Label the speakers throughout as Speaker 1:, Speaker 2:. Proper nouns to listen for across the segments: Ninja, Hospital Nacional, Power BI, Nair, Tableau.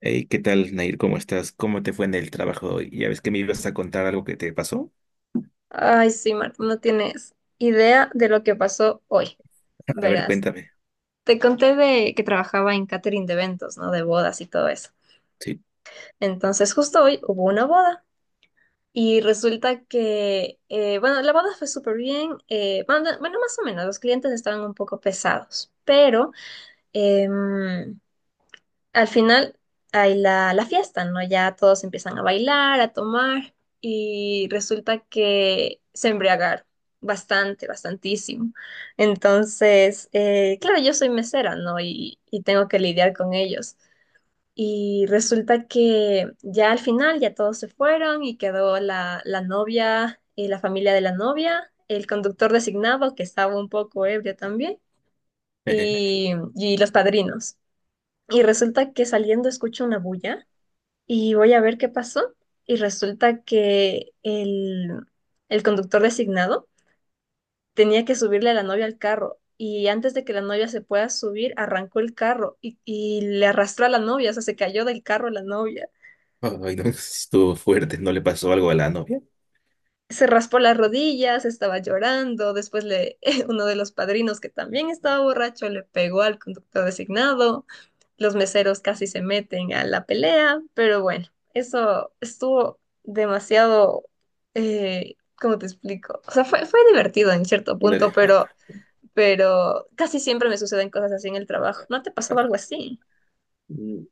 Speaker 1: Hey, ¿qué tal, Nair? ¿Cómo estás? ¿Cómo te fue en el trabajo hoy? Ya ves que me ibas a contar algo que te pasó.
Speaker 2: Ay, sí, Marta, no tienes idea de lo que pasó hoy,
Speaker 1: A ver,
Speaker 2: verás.
Speaker 1: cuéntame.
Speaker 2: Te conté de que trabajaba en catering de eventos, ¿no? De bodas y todo eso.
Speaker 1: Sí.
Speaker 2: Entonces, justo hoy hubo una boda y resulta que, bueno, la boda fue súper bien. Bueno, bueno, más o menos, los clientes estaban un poco pesados, pero em, al final hay la fiesta, ¿no? Ya todos empiezan a bailar, a tomar, y resulta que se embriagaron bastante, bastantísimo. Entonces, claro, yo soy mesera, ¿no? Y tengo que lidiar con ellos. Y resulta que ya al final ya todos se fueron y quedó la novia, la familia de la novia, el conductor designado, que estaba un poco ebrio también,
Speaker 1: Jeje.
Speaker 2: y los padrinos. Y resulta que saliendo escucho una bulla y voy a ver qué pasó. Y resulta que el conductor designado tenía que subirle a la novia al carro. Y antes de que la novia se pueda subir, arrancó el carro y le arrastró a la novia, o sea, se cayó del carro la novia.
Speaker 1: Ay, no, estuvo fuerte. ¿No le pasó algo a la novia?
Speaker 2: Se raspó las rodillas, estaba llorando. Después le, uno de los padrinos, que también estaba borracho, le pegó al conductor designado. Los meseros casi se meten a la pelea, pero bueno, eso estuvo demasiado, ¿cómo te explico? O sea, fue divertido en cierto punto,
Speaker 1: Ándale.
Speaker 2: pero casi siempre me suceden cosas así en el trabajo. ¿No te
Speaker 1: A-
Speaker 2: pasaba algo así?
Speaker 1: mm,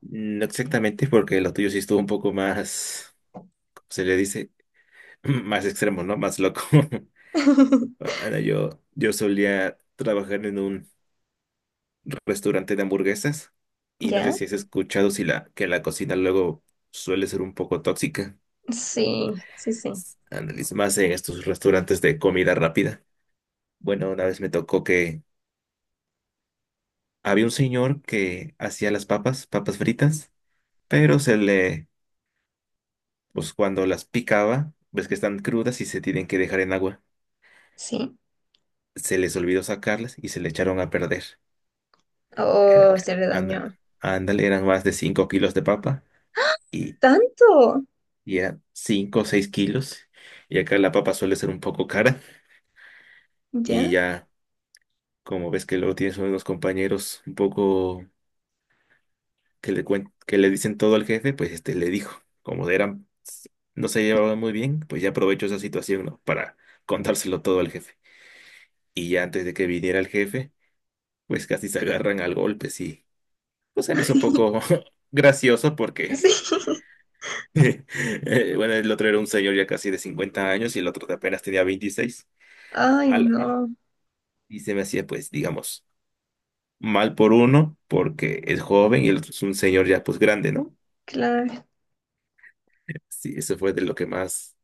Speaker 1: no exactamente, porque lo tuyo sí estuvo un poco más, ¿cómo se le dice? Más extremo, ¿no? Más loco. Ahora, yo solía trabajar en un restaurante de hamburguesas y no sé
Speaker 2: ¿Ya?
Speaker 1: si has escuchado si la, que la cocina luego suele ser un poco tóxica.
Speaker 2: Sí, sí, sí,
Speaker 1: Ándale, y más en estos restaurantes de comida rápida. Bueno, una vez me tocó que había un señor que hacía las papas, papas fritas, pero pues cuando las picaba, ves que están crudas y se tienen que dejar en agua.
Speaker 2: sí.
Speaker 1: Se les olvidó sacarlas y se le echaron a perder. Era-
Speaker 2: Oh, se le
Speaker 1: anda-
Speaker 2: dañó.
Speaker 1: ándale, eran más de 5 kilos de papa y,
Speaker 2: ¿Tanto?
Speaker 1: y eran 5 o 6 kilos. Y acá la papa suele ser un poco cara y
Speaker 2: ¿Ya?
Speaker 1: ya, como ves que luego tienes unos compañeros un poco que le dicen todo al jefe, pues este le dijo, como eran, no se llevaban muy bien, pues ya aprovechó esa situación, ¿no? Para contárselo todo al jefe. Y ya antes de que viniera el jefe, pues casi se agarran al golpe, sí. Pues se me hizo un poco gracioso porque,
Speaker 2: Sí.
Speaker 1: bueno, el otro era un señor ya casi de 50 años y el otro apenas tenía 26.
Speaker 2: Ay,
Speaker 1: Ala.
Speaker 2: no,
Speaker 1: Y se me hacía, pues, digamos, mal por uno porque es joven y el otro es un señor ya, pues, grande, ¿no?
Speaker 2: claro.
Speaker 1: Sí, eso fue de lo que más.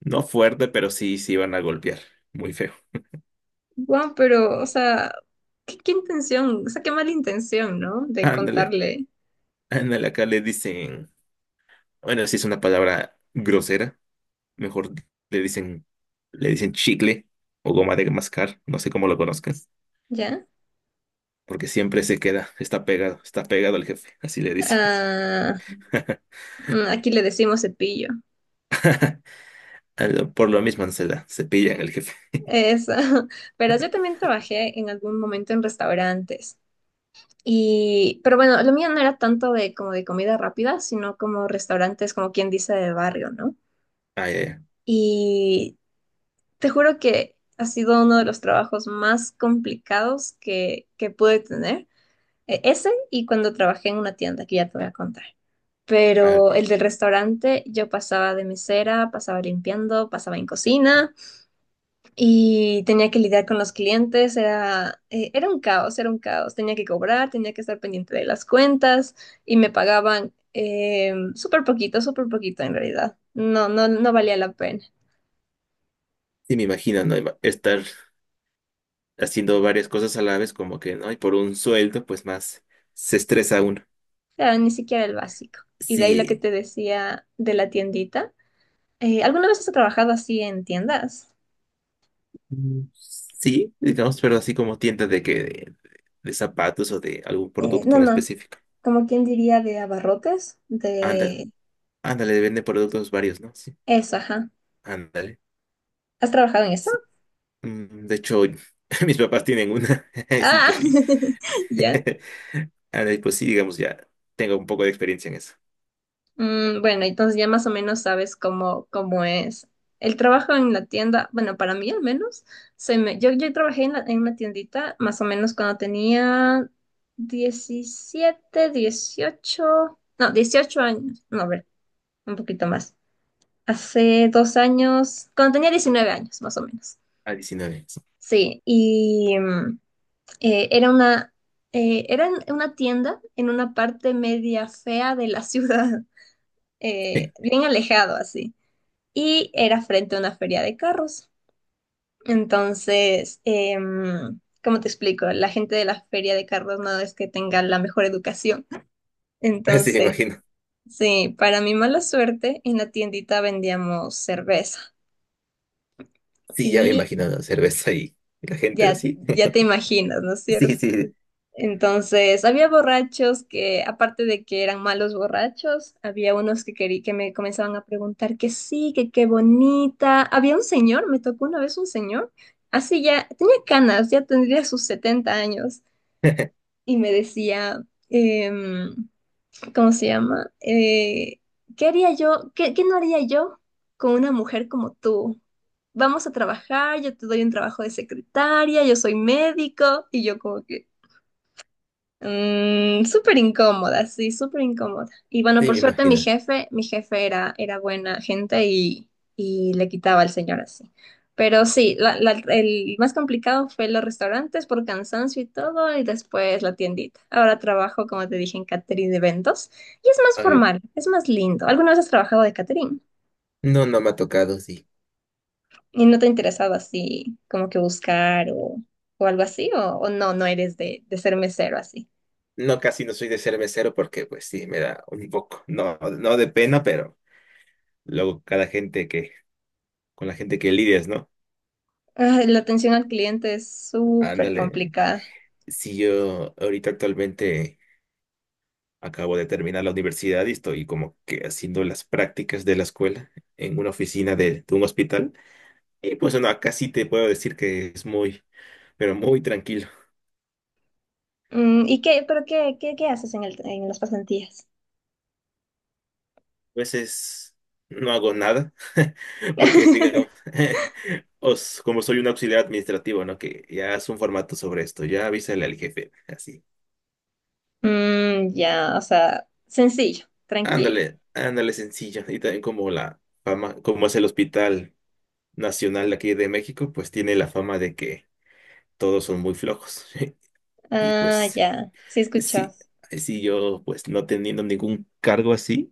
Speaker 1: No fuerte, pero sí, sí van a golpear. Muy feo.
Speaker 2: Guau, pero, o sea, ¿qué, qué intención? O sea, qué mala intención, ¿no? De
Speaker 1: Ándale,
Speaker 2: contarle,
Speaker 1: ándale, acá le dicen, bueno, si es una palabra grosera, mejor le dicen, le dicen chicle o goma de mascar, no sé cómo lo conozcas,
Speaker 2: ¿ya?
Speaker 1: porque siempre se queda, está pegado al jefe, así le dicen.
Speaker 2: Ah, aquí le decimos cepillo.
Speaker 1: A lo- Por lo mismo no se da, se pillan el jefe.
Speaker 2: Eso. Pero yo también trabajé en algún momento en restaurantes. Y, pero bueno, lo mío no era tanto de como de comida rápida, sino como restaurantes, como quien dice, de barrio, ¿no?
Speaker 1: Ay, ay,
Speaker 2: Y te juro que ha sido uno de los trabajos más complicados que pude tener. Ese y cuando trabajé en una tienda, que ya te voy a contar.
Speaker 1: ay.
Speaker 2: Pero el del restaurante, yo pasaba de mesera, pasaba limpiando, pasaba en cocina y tenía que lidiar con los clientes. Era, era un caos, era un caos. Tenía que cobrar, tenía que estar pendiente de las cuentas y me pagaban súper poquito en realidad. No, no, no valía la pena.
Speaker 1: Y me imagino, ¿no? Iba- Estar haciendo varias cosas a la vez, como que, ¿no? Y por un sueldo, pues más se estresa uno.
Speaker 2: Claro, ni siquiera el básico. Y de ahí lo que
Speaker 1: Sí,
Speaker 2: te decía de la tiendita. ¿Alguna vez has trabajado así en tiendas?
Speaker 1: mm, sí, digamos, pero así como tiendas de zapatos o de algún producto
Speaker 2: No,
Speaker 1: en
Speaker 2: no.
Speaker 1: específico.
Speaker 2: Como quien diría de abarrotes,
Speaker 1: Ándale,
Speaker 2: de...
Speaker 1: ándale, vende productos varios, ¿no? Sí,
Speaker 2: Eso, ajá.
Speaker 1: ándale.
Speaker 2: ¿Has trabajado en eso?
Speaker 1: Sí. Mm, de hecho, mis papás tienen una. Sí, pues
Speaker 2: Ah,
Speaker 1: sí.
Speaker 2: ya.
Speaker 1: Ándale, pues sí, digamos, ya tengo un poco de experiencia en eso.
Speaker 2: Mm, bueno, entonces ya más o menos sabes cómo, cómo es. El trabajo en la tienda, bueno, para mí al menos, yo trabajé en, en una tiendita más o menos cuando tenía 17, 18, no, 18 años, no, a ver, un poquito más. Hace 2 años, cuando tenía 19 años, más o menos.
Speaker 1: A 19 años.
Speaker 2: Sí, y, era una, era en una tienda en una parte media fea de la ciudad, bien alejado así, y era frente a una feria de carros. Entonces, ¿cómo te explico? La gente de la feria de carros no es que tenga la mejor educación.
Speaker 1: Sí, sí, me
Speaker 2: Entonces,
Speaker 1: imagino.
Speaker 2: sí, para mi mala suerte, en la tiendita vendíamos cerveza
Speaker 1: Sí, ya me
Speaker 2: y
Speaker 1: imagino la cerveza y la gente
Speaker 2: ya,
Speaker 1: así.
Speaker 2: ya te imaginas, ¿no es
Speaker 1: Sí,
Speaker 2: cierto?
Speaker 1: sí.
Speaker 2: Entonces, había borrachos que, aparte de que eran malos borrachos, había unos que me comenzaban a preguntar que sí, que qué bonita. Había un señor, me tocó una vez un señor, así ya, tenía canas, ya tendría sus 70 años, y me decía, em, ¿cómo se llama? ¿Qué haría yo? ¿Qué, qué no haría yo con una mujer como tú? Vamos a trabajar, yo te doy un trabajo de secretaria, yo soy médico, y yo como que... Mm, súper incómoda, sí, súper incómoda. Y bueno,
Speaker 1: Sí,
Speaker 2: por
Speaker 1: me
Speaker 2: suerte
Speaker 1: imagino.
Speaker 2: mi jefe era, era buena gente y le quitaba al señor así. Pero sí, el más complicado fue los restaurantes por cansancio y todo, y después la tiendita. Ahora trabajo, como te dije, en catering de eventos y es más
Speaker 1: Ay,
Speaker 2: formal, es más lindo. ¿Alguna vez has trabajado de catering
Speaker 1: no, no me ha tocado, sí.
Speaker 2: y no te ha interesado así como que buscar o algo así? O no, no eres de ser mesero así?
Speaker 1: No, casi no soy de ser mesero porque pues sí, me da un poco, no, no de pena, pero luego con la gente que lidias, ¿no?
Speaker 2: Ay, la atención al cliente es súper
Speaker 1: Ándale.
Speaker 2: complicada.
Speaker 1: Si yo ahorita actualmente acabo de terminar la universidad y estoy como que haciendo las prácticas de la escuela en una oficina de un hospital. Y pues no, acá sí te puedo decir que es muy, pero muy tranquilo.
Speaker 2: Mm, ¿y qué, pero qué, qué, qué haces en el, en las pasantías?
Speaker 1: A veces no hago nada porque digamos... como soy un auxiliar administrativo, ¿no? Que ya haz un formato sobre esto, ya avísale al jefe, así.
Speaker 2: Mm, ya, o sea, sencillo, tranquilo.
Speaker 1: Ándale, ándale sencillo. Y también como la fama, como es el Hospital Nacional de aquí de México, pues tiene la fama de que todos son muy flojos. Y
Speaker 2: Ah,
Speaker 1: pues,
Speaker 2: ya, sí
Speaker 1: sí,
Speaker 2: escuchas.
Speaker 1: sí, yo pues no teniendo ningún cargo así,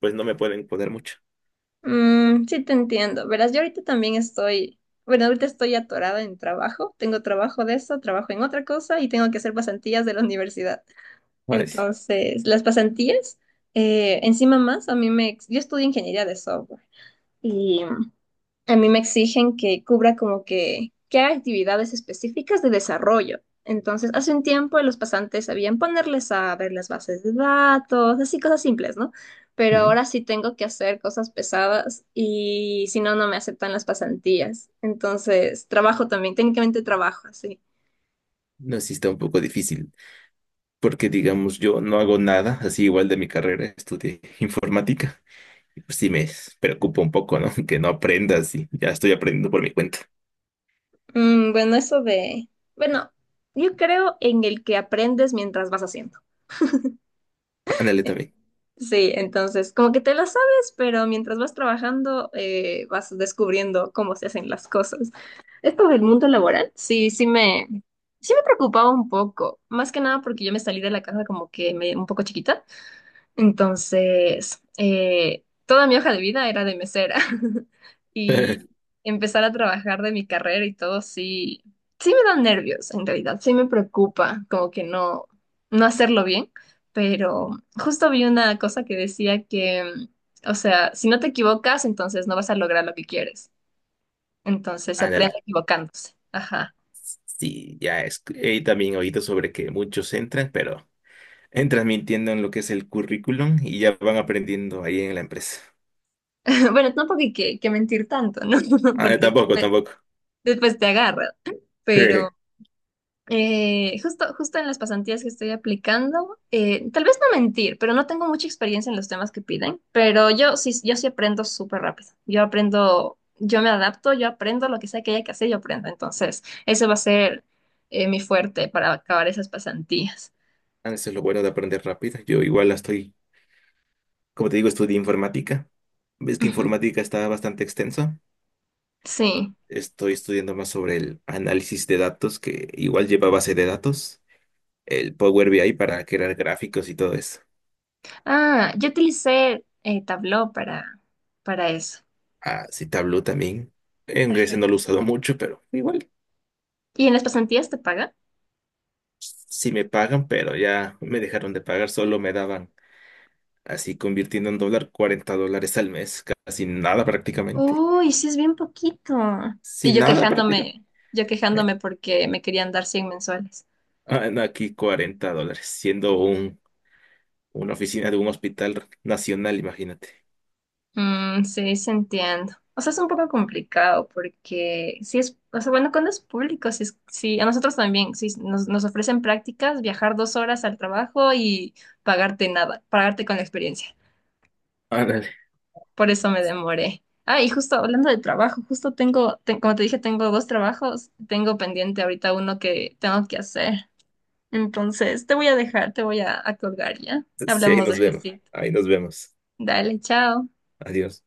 Speaker 1: pues no me pueden poner mucho.
Speaker 2: Mm, sí te entiendo. Verás, yo ahorita también estoy, bueno, ahorita estoy atorada en trabajo. Tengo trabajo de eso, trabajo en otra cosa y tengo que hacer pasantías de la universidad.
Speaker 1: ¿Sabes?
Speaker 2: Entonces, las pasantías, encima más, a mí me, ex- yo estudio ingeniería de software. Y a mí me exigen que cubra como que haga actividades específicas de desarrollo. Entonces, hace un tiempo los pasantes sabían ponerles a ver las bases de datos, así cosas simples, ¿no? Pero
Speaker 1: Ujú.
Speaker 2: ahora sí tengo que hacer cosas pesadas y si no, no me aceptan las pasantías. Entonces, trabajo también, técnicamente trabajo así.
Speaker 1: No, sí está un poco difícil, porque digamos, yo no hago nada, así igual de mi carrera, estudié informática. Pues sí me preocupa un poco, ¿no? Que no aprendas y ya estoy aprendiendo por mi cuenta.
Speaker 2: Mm, bueno, eso de, bueno, yo creo en el que aprendes mientras vas haciendo.
Speaker 1: Ándale también.
Speaker 2: Sí, entonces como que te lo sabes, pero mientras vas trabajando vas descubriendo cómo se hacen las cosas. Esto del mundo laboral, sí, sí me preocupaba un poco, más que nada porque yo me salí de la casa como un poco chiquita. Entonces, toda mi hoja de vida era de mesera y empezar a trabajar de mi carrera y todo, sí, sí me dan nervios en realidad, sí me preocupa como que no, no hacerlo bien, pero justo vi una cosa que decía que, o sea, si no te equivocas, entonces no vas a lograr lo que quieres. Entonces se aprende
Speaker 1: Ándale.
Speaker 2: equivocándose. Ajá.
Speaker 1: Sí, ya es. He también oído sobre que muchos entran, pero entran mintiendo en lo que es el currículum y ya van aprendiendo ahí en la empresa.
Speaker 2: Bueno, tampoco hay que mentir tanto, ¿no?
Speaker 1: Ah,
Speaker 2: Porque
Speaker 1: tampoco,
Speaker 2: después,
Speaker 1: tampoco.
Speaker 2: después te agarra, pero Justo, justo en las pasantías que estoy aplicando, tal vez no mentir, pero no tengo mucha experiencia en los temas que piden, pero yo sí, yo sí aprendo súper rápido. Yo aprendo, yo me adapto, yo aprendo lo que sea que haya que hacer, yo aprendo. Entonces, ese va a ser mi fuerte para acabar esas pasantías.
Speaker 1: Ah, eso es lo bueno de aprender rápido. Yo igual la estoy, como te digo, estudié informática. Ves que
Speaker 2: Ujú,
Speaker 1: informática está bastante extensa.
Speaker 2: sí.
Speaker 1: Estoy estudiando más sobre el análisis de datos, que igual lleva base de datos. El Power BI para crear gráficos y todo eso.
Speaker 2: Ah, yo utilicé Tableau para eso.
Speaker 1: Ah, sí, Tableau también. En ese no
Speaker 2: Ajá.
Speaker 1: lo he usado mucho, pero igual
Speaker 2: ¿Y en las pasantías te pagan?
Speaker 1: sí me pagan, pero ya me dejaron de pagar, solo me daban así convirtiendo en dólar 40 dólares al mes, casi nada prácticamente.
Speaker 2: Uy, sí es bien poquito. Y
Speaker 1: Sin nada prácticamente.
Speaker 2: yo
Speaker 1: Eh,
Speaker 2: quejándome porque me querían dar 100 mensuales.
Speaker 1: ah, no, aquí 40 dólares, siendo una oficina de un hospital nacional, imagínate.
Speaker 2: Mm, sí, sí entiendo. O sea, es un poco complicado porque sí es, o sea, bueno, cuando es público, sí, sí, a nosotros también, sí, nos, nos ofrecen prácticas, viajar 2 horas al trabajo y pagarte nada, pagarte con la experiencia.
Speaker 1: Ándale.
Speaker 2: Por eso me demoré. Ah, y justo hablando de trabajo, justo tengo, como te dije, tengo dos trabajos, tengo pendiente ahorita uno que tengo que hacer. Entonces, te voy a dejar, te voy a colgar ya.
Speaker 1: Sí, ahí
Speaker 2: Hablamos
Speaker 1: nos vemos.
Speaker 2: despuesito.
Speaker 1: Ahí nos vemos.
Speaker 2: Dale, chao.
Speaker 1: Adiós.